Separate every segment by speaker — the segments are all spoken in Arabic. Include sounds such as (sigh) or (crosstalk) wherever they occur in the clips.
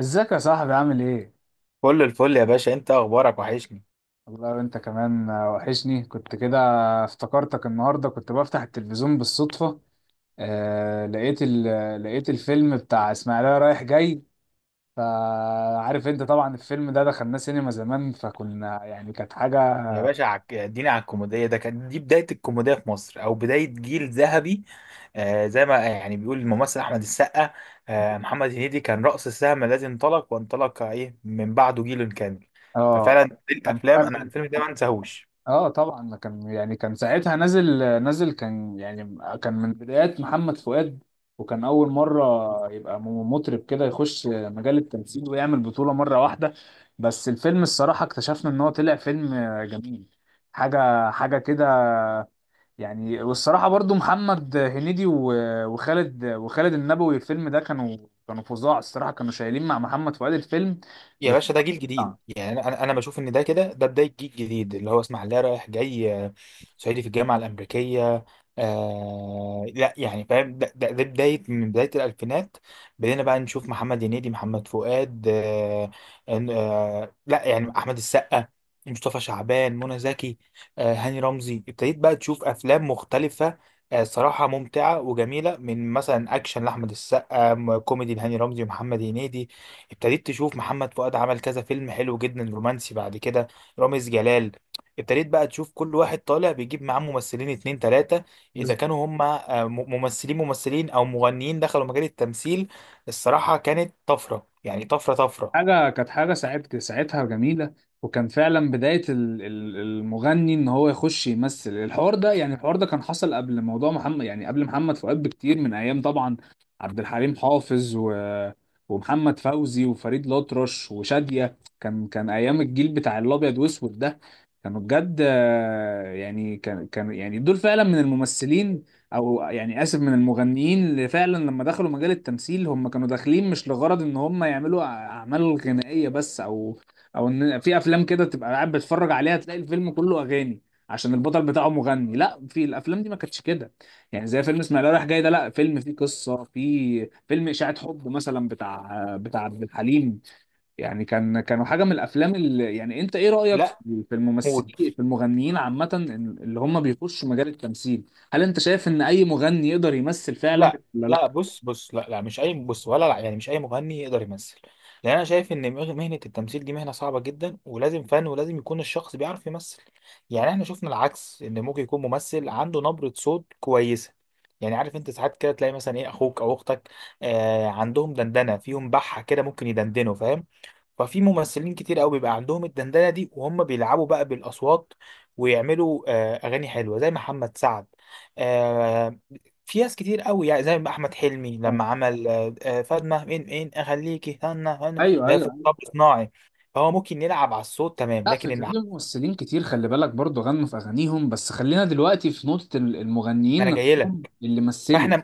Speaker 1: ازيك يا صاحبي عامل ايه؟
Speaker 2: كل الفل يا باشا، انت اخبارك وحشني.
Speaker 1: والله انت كمان وحشني كنت كده. افتكرتك النهارده كنت بفتح التلفزيون بالصدفة. آه لقيت ال... لقيت الفيلم بتاع اسماعيلية رايح جاي. فعارف انت طبعا الفيلم ده دخلناه سينما زمان، فكنا يعني كانت حاجة.
Speaker 2: يا باشا اديني على الكوميديا، ده كان دي بدايه الكوميديا في مصر او بدايه جيل ذهبي. زي ما يعني بيقول الممثل احمد السقا. محمد هنيدي كان رأس السهم الذي انطلق، وانطلق ايه من بعده جيل كامل.
Speaker 1: اه
Speaker 2: ففعلا دي
Speaker 1: كان
Speaker 2: الافلام انا
Speaker 1: فعلا.
Speaker 2: الفيلم ده ما انساهوش.
Speaker 1: اه طبعا ده كان يعني كان ساعتها نازل، نازل يعني كان من بدايات محمد فؤاد، وكان اول مره يبقى مطرب كده يخش مجال التمثيل ويعمل بطوله مره واحده. بس الفيلم الصراحه اكتشفنا ان هو طلع فيلم جميل. حاجه كده، يعني والصراحه برضو محمد هنيدي وخالد وخالد النبوي الفيلم ده كانوا، كانوا فظاع الصراحه، كانوا شايلين مع محمد فؤاد الفيلم
Speaker 2: يا باشا ده جيل جديد،
Speaker 1: بالقطعة.
Speaker 2: يعني انا انا أنا بشوف ان ده كده بدايه جيل جديد اللي هو اسماعيليه رايح جاي، صعيدي في الجامعه الامريكيه. لا يعني فاهم ده بدايه من بدايه الالفينات. بدينا بقى نشوف محمد هنيدي، محمد فؤاد. لا يعني احمد السقا، مصطفى شعبان، منى زكي. هاني رمزي، ابتديت بقى تشوف افلام مختلفه. صراحه ممتعه وجميله، من مثلا اكشن لاحمد السقا، كوميدي لهاني رمزي ومحمد هنيدي. ابتديت تشوف محمد فؤاد عمل كذا فيلم حلو جدا رومانسي بعد كده، رامز جلال. ابتديت بقى تشوف كل واحد طالع بيجيب معاه ممثلين اتنين تلاتة، اذا كانوا هم، ممثلين او مغنيين دخلوا مجال التمثيل. الصراحة كانت طفرة، يعني طفرة طفرة.
Speaker 1: كانت حاجة ساعتها جميلة. وكان فعلا بداية المغني ان هو يخش يمثل. الحوار ده يعني الحوار ده كان حصل قبل موضوع محمد، يعني قبل محمد فؤاد بكتير، من ايام طبعا عبد الحليم حافظ ومحمد فوزي وفريد الأطرش وشادية، كان ايام الجيل بتاع الابيض واسود ده. كانوا بجد يعني كان يعني دول فعلا من الممثلين، او يعني اسف، من المغنيين اللي فعلا لما دخلوا مجال التمثيل هم كانوا داخلين مش لغرض ان هم يعملوا اعمال غنائيه بس، او او ان في افلام كده تبقى قاعد بتتفرج عليها تلاقي الفيلم كله اغاني عشان البطل بتاعه مغني. لا، في الافلام دي ما كانتش كده. يعني زي فيلم اسماعيليه رايح جاي ده، لا فيلم فيه قصه، فيه فيلم اشاعه حب مثلا بتاع بتاع عبد الحليم. يعني كان كانوا حاجه من الافلام اللي يعني. انت ايه رايك في
Speaker 2: لا،
Speaker 1: في
Speaker 2: موت.
Speaker 1: الممثلين في المغنيين عامه، اللي هم بيخشوا مجال التمثيل؟ هل انت شايف ان اي مغني يقدر يمثل فعلا
Speaker 2: لا
Speaker 1: ولا
Speaker 2: لا،
Speaker 1: لا؟
Speaker 2: بص بص، لا لا، مش اي بص ولا لا، يعني مش اي مغني يقدر يمثل. لان انا شايف ان مهنه التمثيل دي مهنه صعبه جدا، ولازم فن، ولازم يكون الشخص بيعرف يمثل. يعني احنا شفنا العكس، ان ممكن يكون ممثل عنده نبره صوت كويسه. يعني عارف انت ساعات كده تلاقي مثلا ايه اخوك او اختك، عندهم دندنه فيهم، بحه كده ممكن يدندنوا، فاهم؟ ففي ممثلين كتير قوي بيبقى عندهم الدندنه دي، وهم بيلعبوا بقى بالاصوات، ويعملوا اغاني حلوه زي محمد سعد. في ناس كتير قوي، يعني زي ما احمد حلمي لما عمل فاطمه، مين مين، اخليكي، هنا هنا،
Speaker 1: ايوه،
Speaker 2: ده في
Speaker 1: ايوه.
Speaker 2: طب صناعي. فهو ممكن يلعب على الصوت تمام،
Speaker 1: لا، في
Speaker 2: لكن
Speaker 1: في
Speaker 2: العزف.
Speaker 1: ممثلين كتير خلي بالك برضو غنوا في اغانيهم، بس خلينا دلوقتي في نقطه
Speaker 2: ما انا
Speaker 1: المغنيين
Speaker 2: جاي،
Speaker 1: اللي مثلوا.
Speaker 2: فاحنا،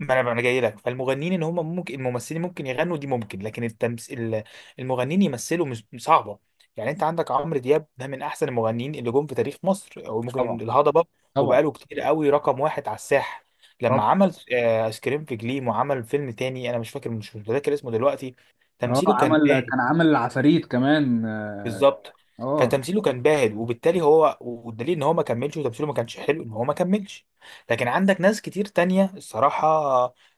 Speaker 2: ما انا جاي لك، فالمغنيين ان هم ممكن، الممثلين ممكن يغنوا دي ممكن، لكن التمثيل، المغنيين يمثلوا مش صعبه. يعني انت عندك عمرو دياب، ده من احسن المغنيين اللي جم في تاريخ مصر، او
Speaker 1: طبعا.
Speaker 2: ممكن الهضبه،
Speaker 1: طبعا.
Speaker 2: وبقاله كتير قوي رقم واحد على الساحه. لما
Speaker 1: طبعا.
Speaker 2: عمل ايس كريم في جليم، وعمل فيلم تاني انا مش فاكر، مش متذكر اسمه دلوقتي.
Speaker 1: اه
Speaker 2: تمثيله كان
Speaker 1: عمل،
Speaker 2: باهت.
Speaker 1: كان عمل العفاريت كمان. اه.
Speaker 2: بالظبط.
Speaker 1: آه،
Speaker 2: فتمثيله كان باهت، وبالتالي هو، والدليل ان هو ما كملش، وتمثيله ما كانش حلو، ان هو ما كملش. لكن عندك ناس كتير تانية الصراحة،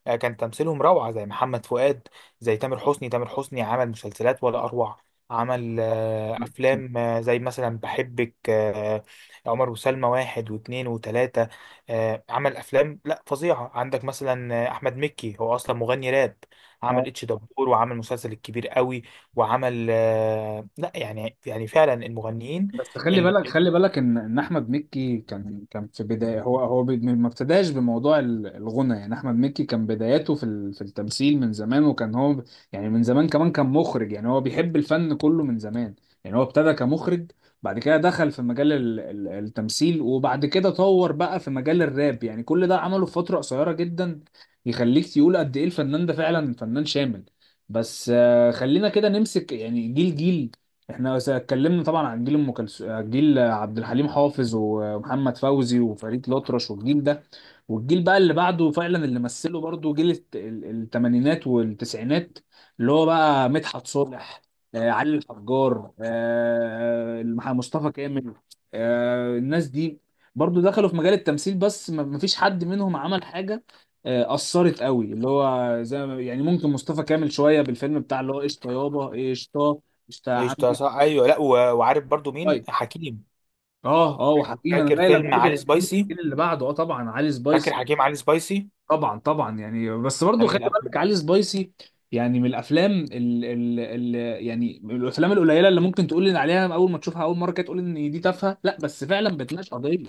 Speaker 2: كان تمثيلهم روعة زي محمد فؤاد، زي تامر حسني. تامر حسني عمل مسلسلات ولا أروع. عمل
Speaker 1: كان-
Speaker 2: أفلام زي مثلا بحبك، عمر وسلمى 1 و2 و3. عمل أفلام لا فظيعة. عندك مثلا أحمد مكي هو أصلا مغني راب.
Speaker 1: اه
Speaker 2: عمل اتش دبور، وعمل مسلسل الكبير قوي. وعمل لا يعني فعلا المغنيين.
Speaker 1: بس خلي
Speaker 2: ال...
Speaker 1: بالك،
Speaker 2: ال-
Speaker 1: خلي بالك ان ان احمد مكي كان في بدايه، هو ما ابتداش بموضوع الغنى. يعني احمد مكي كان بداياته في في التمثيل من زمان، وكان هو يعني من زمان كمان كان مخرج. يعني هو بيحب الفن كله من زمان. يعني هو ابتدى كمخرج، بعد كده دخل في مجال التمثيل، وبعد كده طور بقى في مجال الراب. يعني كل ده عمله في فتره قصيره جدا يخليك تقول قد ايه الفنان ده فعلا فنان شامل. بس خلينا كده نمسك يعني جيل جيل. احنا اتكلمنا طبعا عن جيل ام كلثوم، جيل عبد الحليم حافظ ومحمد فوزي وفريد الأطرش والجيل ده، والجيل بقى اللي بعده فعلا اللي مثله برضه جيل التمانينات والتسعينات، اللي هو بقى مدحت صالح، علي الحجار، مصطفى كامل، الناس دي برضه دخلوا في مجال التمثيل، بس ما ما فيش حد منهم عمل حاجة أثرت قوي، اللي هو زي يعني ممكن مصطفى كامل شوية بالفيلم بتاع اللي هو قشطة يابا إيه، قشطة، قشطة يا عم.
Speaker 2: ايش ده؟ صح، ايوه. لا، وعارف برضو مين؟
Speaker 1: لايك.
Speaker 2: حكيم.
Speaker 1: اه اه، وحكيم انا
Speaker 2: فاكر
Speaker 1: جاي لك
Speaker 2: فيلم
Speaker 1: برضه
Speaker 2: علي
Speaker 1: في
Speaker 2: سبايسي؟
Speaker 1: الجيل اللي بعده. اه طبعا علي
Speaker 2: فاكر
Speaker 1: سبايسي.
Speaker 2: حكيم علي سبايسي؟
Speaker 1: طبعا طبعا، يعني بس
Speaker 2: ده
Speaker 1: برضه
Speaker 2: من
Speaker 1: خلي بالك
Speaker 2: الافلام.
Speaker 1: علي سبايسي يعني من الافلام ال ال ال يعني من الافلام القليله اللي ممكن تقول لي عليها اول ما تشوفها اول مره كده تقول ان دي تافهه، لا بس فعلا بتناقش قضيه.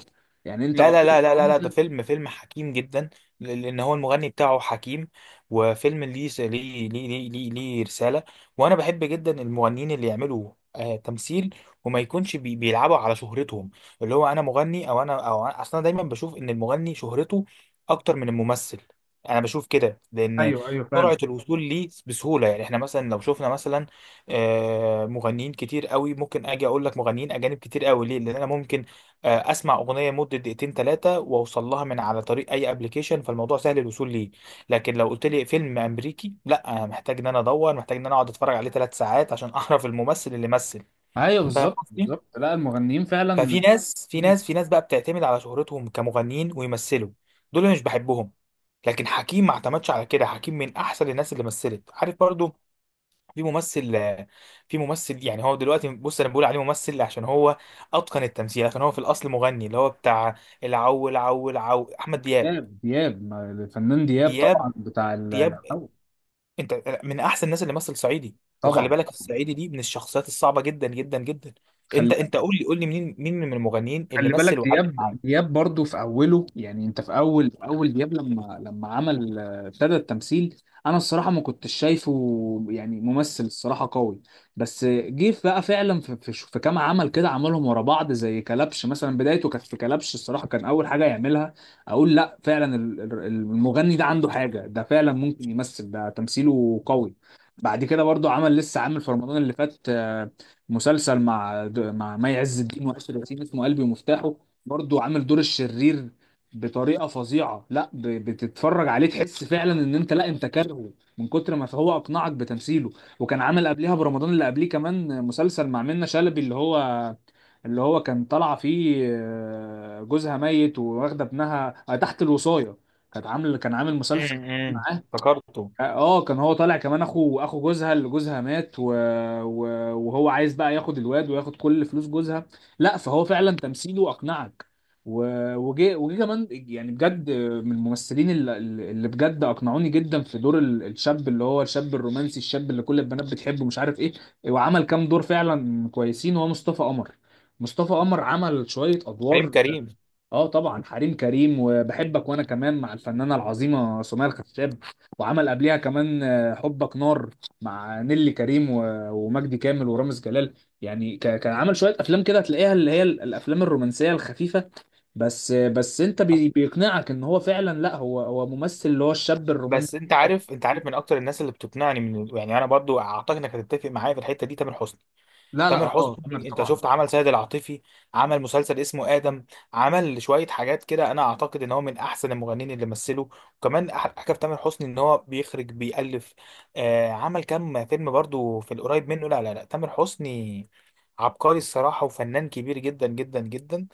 Speaker 1: يعني انت
Speaker 2: لا لا
Speaker 1: قضيه
Speaker 2: لا لا لا لا،
Speaker 1: انت.
Speaker 2: ده فيلم حكيم جدا، لان هو المغني بتاعه حكيم. وفيلم ليه س- ليه ليه ليه ليه, ليه رسالة. وانا بحب جدا المغنيين اللي يعملوا تمثيل، وما يكونش بيلعبوا على شهرتهم. اللي هو، انا مغني، او انا او أنا- اصلا دايما بشوف ان المغني شهرته اكتر من الممثل. انا بشوف كده، لان
Speaker 1: ايوه ايوه فعلا.
Speaker 2: سرعة الوصول ليه بسهولة. يعني احنا مثلا لو شفنا مثلا مغنيين كتير قوي، ممكن اجي اقول لك مغنيين اجانب كتير قوي. ليه؟ لان انا ممكن اسمع اغنيه مده دقيقتين ثلاثه، واوصل لها من على طريق اي ابلكيشن، فالموضوع سهل الوصول ليه. لكن لو قلت لي فيلم امريكي، لا، انا محتاج ان انا ادور، محتاج ان انا اقعد اتفرج عليه 3 ساعات عشان (laughs) اعرف الممثل اللي مثل.
Speaker 1: ايوه
Speaker 2: فاهم
Speaker 1: بالظبط
Speaker 2: قصدي؟
Speaker 1: بالظبط. لا، المغنيين فعلا.
Speaker 2: ففي ناس في ناس في ناس بقى بتعتمد على شهرتهم كمغنيين ويمثلوا، دول أنا مش بحبهم. لكن حكيم ما اعتمدش على كده، حكيم من احسن الناس اللي مثلت، عارف برضو. في ممثل في ممثل، يعني هو دلوقتي، بص، انا بقول عليه ممثل عشان هو اتقن التمثيل، عشان هو في الاصل مغني، اللي هو بتاع العو العو العو احمد دياب.
Speaker 1: دياب، دياب، الفنان دياب
Speaker 2: دياب
Speaker 1: طبعا بتاع
Speaker 2: دياب
Speaker 1: الحو-.
Speaker 2: انت من احسن الناس اللي مثل صعيدي، وخلي
Speaker 1: طبعا.
Speaker 2: بالك الصعيدي دي من الشخصيات الصعبه جدا جدا جدا.
Speaker 1: خلي
Speaker 2: انت قول لي قول لي مين مين من المغنيين اللي
Speaker 1: خلي بالك
Speaker 2: مثل وعلم
Speaker 1: دياب،
Speaker 2: معاك.
Speaker 1: دياب برضو في اوله، يعني انت في اول، في اول دياب، لما عمل ابتدى التمثيل، انا الصراحه ما كنتش شايفه يعني ممثل الصراحه قوي. بس جه بقى فعلا في كام عمل كده عملهم ورا بعض زي كلبش مثلا. بدايته كانت في كلبش الصراحه، كان اول حاجه يعملها، اقول لا فعلا المغني ده عنده حاجه، ده فعلا ممكن يمثل، ده تمثيله قوي. بعد كده برضو عمل، لسه عامل في رمضان اللي فات مسلسل مع مع مي عز الدين وآسر ياسين اسمه قلبي ومفتاحه، برضو عامل دور الشرير بطريقه فظيعه. لا بتتفرج عليه تحس فعلا ان انت لا انت كارهه من كتر ما هو اقنعك بتمثيله. وكان عامل قبلها برمضان اللي قبليه كمان مسلسل مع منة شلبي، اللي هو كان طالعه فيه جوزها ميت وواخده ابنها تحت الوصايه. كانت عامل، كان عامل مسلسل
Speaker 2: امم.
Speaker 1: معاه.
Speaker 2: افتكرته.
Speaker 1: اه كان هو طالع كمان اخو، اخو جوزها، اللي جوزها مات و... وهو عايز بقى ياخد الواد وياخد كل فلوس جوزها. لا فهو فعلا تمثيله اقنعك. و... وجه، وجه كمان يعني بجد من الممثلين اللي بجد اقنعوني جدا في دور الشاب، اللي هو الشاب الرومانسي، الشاب اللي كل البنات بتحبه مش عارف ايه. وعمل كام دور فعلا كويسين هو مصطفى قمر. مصطفى قمر عمل شوية
Speaker 2: حليم
Speaker 1: ادوار.
Speaker 2: كريم.
Speaker 1: اه طبعا حريم كريم وبحبك وانا كمان مع الفنانه العظيمه سمية الخشاب. وعمل قبليها كمان حبك نار مع نيلي كريم ومجدي كامل ورامز جلال. يعني كان عمل شويه افلام كده تلاقيها اللي هي الافلام الرومانسيه الخفيفه. بس بس انت بيقنعك ان هو فعلا لا، هو ممثل اللي هو الشاب الرومانسي.
Speaker 2: بس انت عارف، من اكتر الناس اللي بتقنعني، من يعني، انا برضو اعتقد انك هتتفق معايا في الحته دي، تامر حسني.
Speaker 1: لا لا
Speaker 2: تامر
Speaker 1: اه تامر
Speaker 2: حسني، انت
Speaker 1: طبعا.
Speaker 2: شفت عمل سيد العاطفي، عمل مسلسل اسمه آدم، عمل شوية حاجات كده، انا اعتقد ان هو من احسن المغنيين اللي مثلوا. وكمان حاجة في تامر حسني ان هو بيخرج بيألف. عمل كام فيلم برضو في القريب منه. لا لا لا، تامر حسني عبقري الصراحة، وفنان كبير جدا جدا جدا.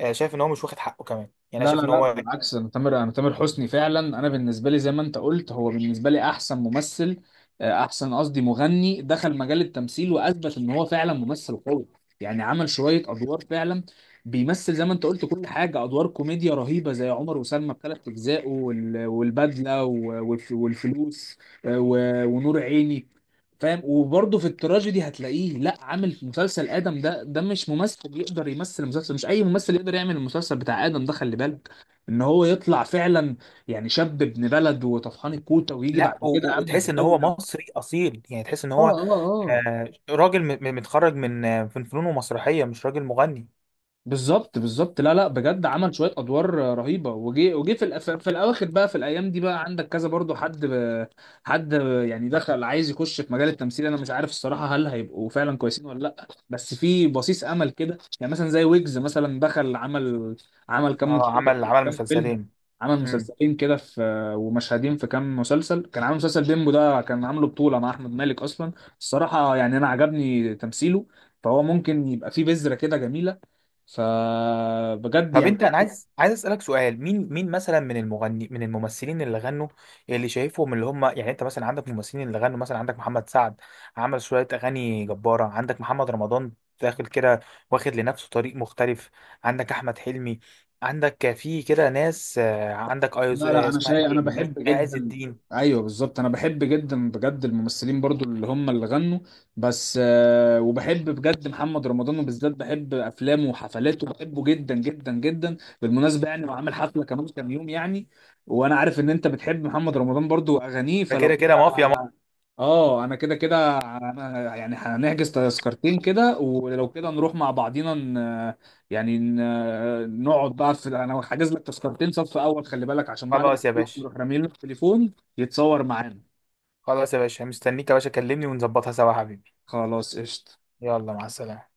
Speaker 2: شايف ان هو مش واخد حقه كمان، يعني انا
Speaker 1: لا لا
Speaker 2: شايف ان
Speaker 1: لا
Speaker 2: هو،
Speaker 1: بالعكس، انا تامر حسني فعلا انا بالنسبه لي زي ما انت قلت هو بالنسبه لي احسن ممثل، آه، احسن قصدي مغني دخل مجال التمثيل واثبت ان هو فعلا ممثل قوي. يعني عمل شويه ادوار فعلا بيمثل زي ما انت قلت كل حاجه، ادوار كوميديا رهيبه زي عمر وسلمى بثلاث اجزاء والبدله والفلوس، ونور عيني، فاهم. وبرضه في التراجيدي هتلاقيه، لا عامل في مسلسل ادم ده، ده مش ممثل يقدر يمثل المسلسل، مش اي ممثل يقدر يعمل المسلسل بتاع ادم ده. خلي بالك ان هو يطلع فعلا يعني شاب ابن بلد وطفحان الكوته، ويجي
Speaker 2: لا،
Speaker 1: بعد كده امن
Speaker 2: وتحس ان هو
Speaker 1: الدوله.
Speaker 2: مصري اصيل، يعني تحس ان
Speaker 1: اه
Speaker 2: هو
Speaker 1: اه اه.
Speaker 2: راجل متخرج من فنون ومسرحية، مش راجل مغني.
Speaker 1: بالظبط بالظبط. لا لا بجد عمل شويه ادوار رهيبه. وجي وجي في في الاواخر بقى في الايام دي بقى عندك كذا برضو حد حد يعني دخل عايز يخش في مجال التمثيل، انا مش عارف الصراحه هل هيبقوا فعلا كويسين ولا لا، بس في بصيص امل كده. يعني مثلا زي ويجز مثلا، دخل عمل، عمل كام
Speaker 2: اه
Speaker 1: مشهد كده،
Speaker 2: عمل
Speaker 1: كام فيلم.
Speaker 2: مسلسلين.
Speaker 1: عمل
Speaker 2: امم.
Speaker 1: مسلسلين كده في، ومشهدين في كام مسلسل. كان عامل مسلسل بيمبو ده كان عامله بطوله مع احمد مالك اصلا. الصراحه يعني انا عجبني تمثيله، فهو ممكن يبقى فيه بذره كده جميله. فبجد
Speaker 2: طب
Speaker 1: يعني.
Speaker 2: انا عايز اسالك سؤال، مين مين مثلا من المغني من الممثلين اللي غنوا اللي شايفهم اللي هم، يعني انت مثلا عندك ممثلين اللي غنوا، مثلا عندك محمد سعد عمل شويه اغاني جباره، عندك محمد رمضان داخل كده واخد لنفسه طريق مختلف، عندك احمد حلمي، عندك في كده ناس، عندك ايز
Speaker 1: لا لا
Speaker 2: آه،
Speaker 1: انا
Speaker 2: اسمها
Speaker 1: شايف، انا
Speaker 2: ايه،
Speaker 1: بحب
Speaker 2: عز
Speaker 1: جدا،
Speaker 2: الدين.
Speaker 1: ايوه بالظبط، انا بحب جدا بجد الممثلين برضو اللي هم اللي غنوا. بس وبحب بجد محمد رمضان، وبالذات بحب افلامه وحفلاته، بحبه جدا جدا جدا. بالمناسبه يعني وعامل حفله كمان كام يوم يعني، وانا عارف ان انت بتحب محمد رمضان برضو واغانيه،
Speaker 2: ده كده
Speaker 1: فلو
Speaker 2: كده
Speaker 1: كده
Speaker 2: مافيا مافيا.
Speaker 1: اه انا كده كده، انا يعني هنحجز تذكرتين كده ولو كده نروح مع بعضينا نقعد بقى في، انا حاجز لك تذكرتين صف اول خلي بالك، عشان بعد ما
Speaker 2: خلاص يا
Speaker 1: تخلص
Speaker 2: باشا،
Speaker 1: تروح رامي له التليفون يتصور معانا.
Speaker 2: خلاص يا باشا، مستنيك يا باشا، كلمني ونظبطها سوا يا حبيبي.
Speaker 1: خلاص قشطة.
Speaker 2: يلا، مع السلامه.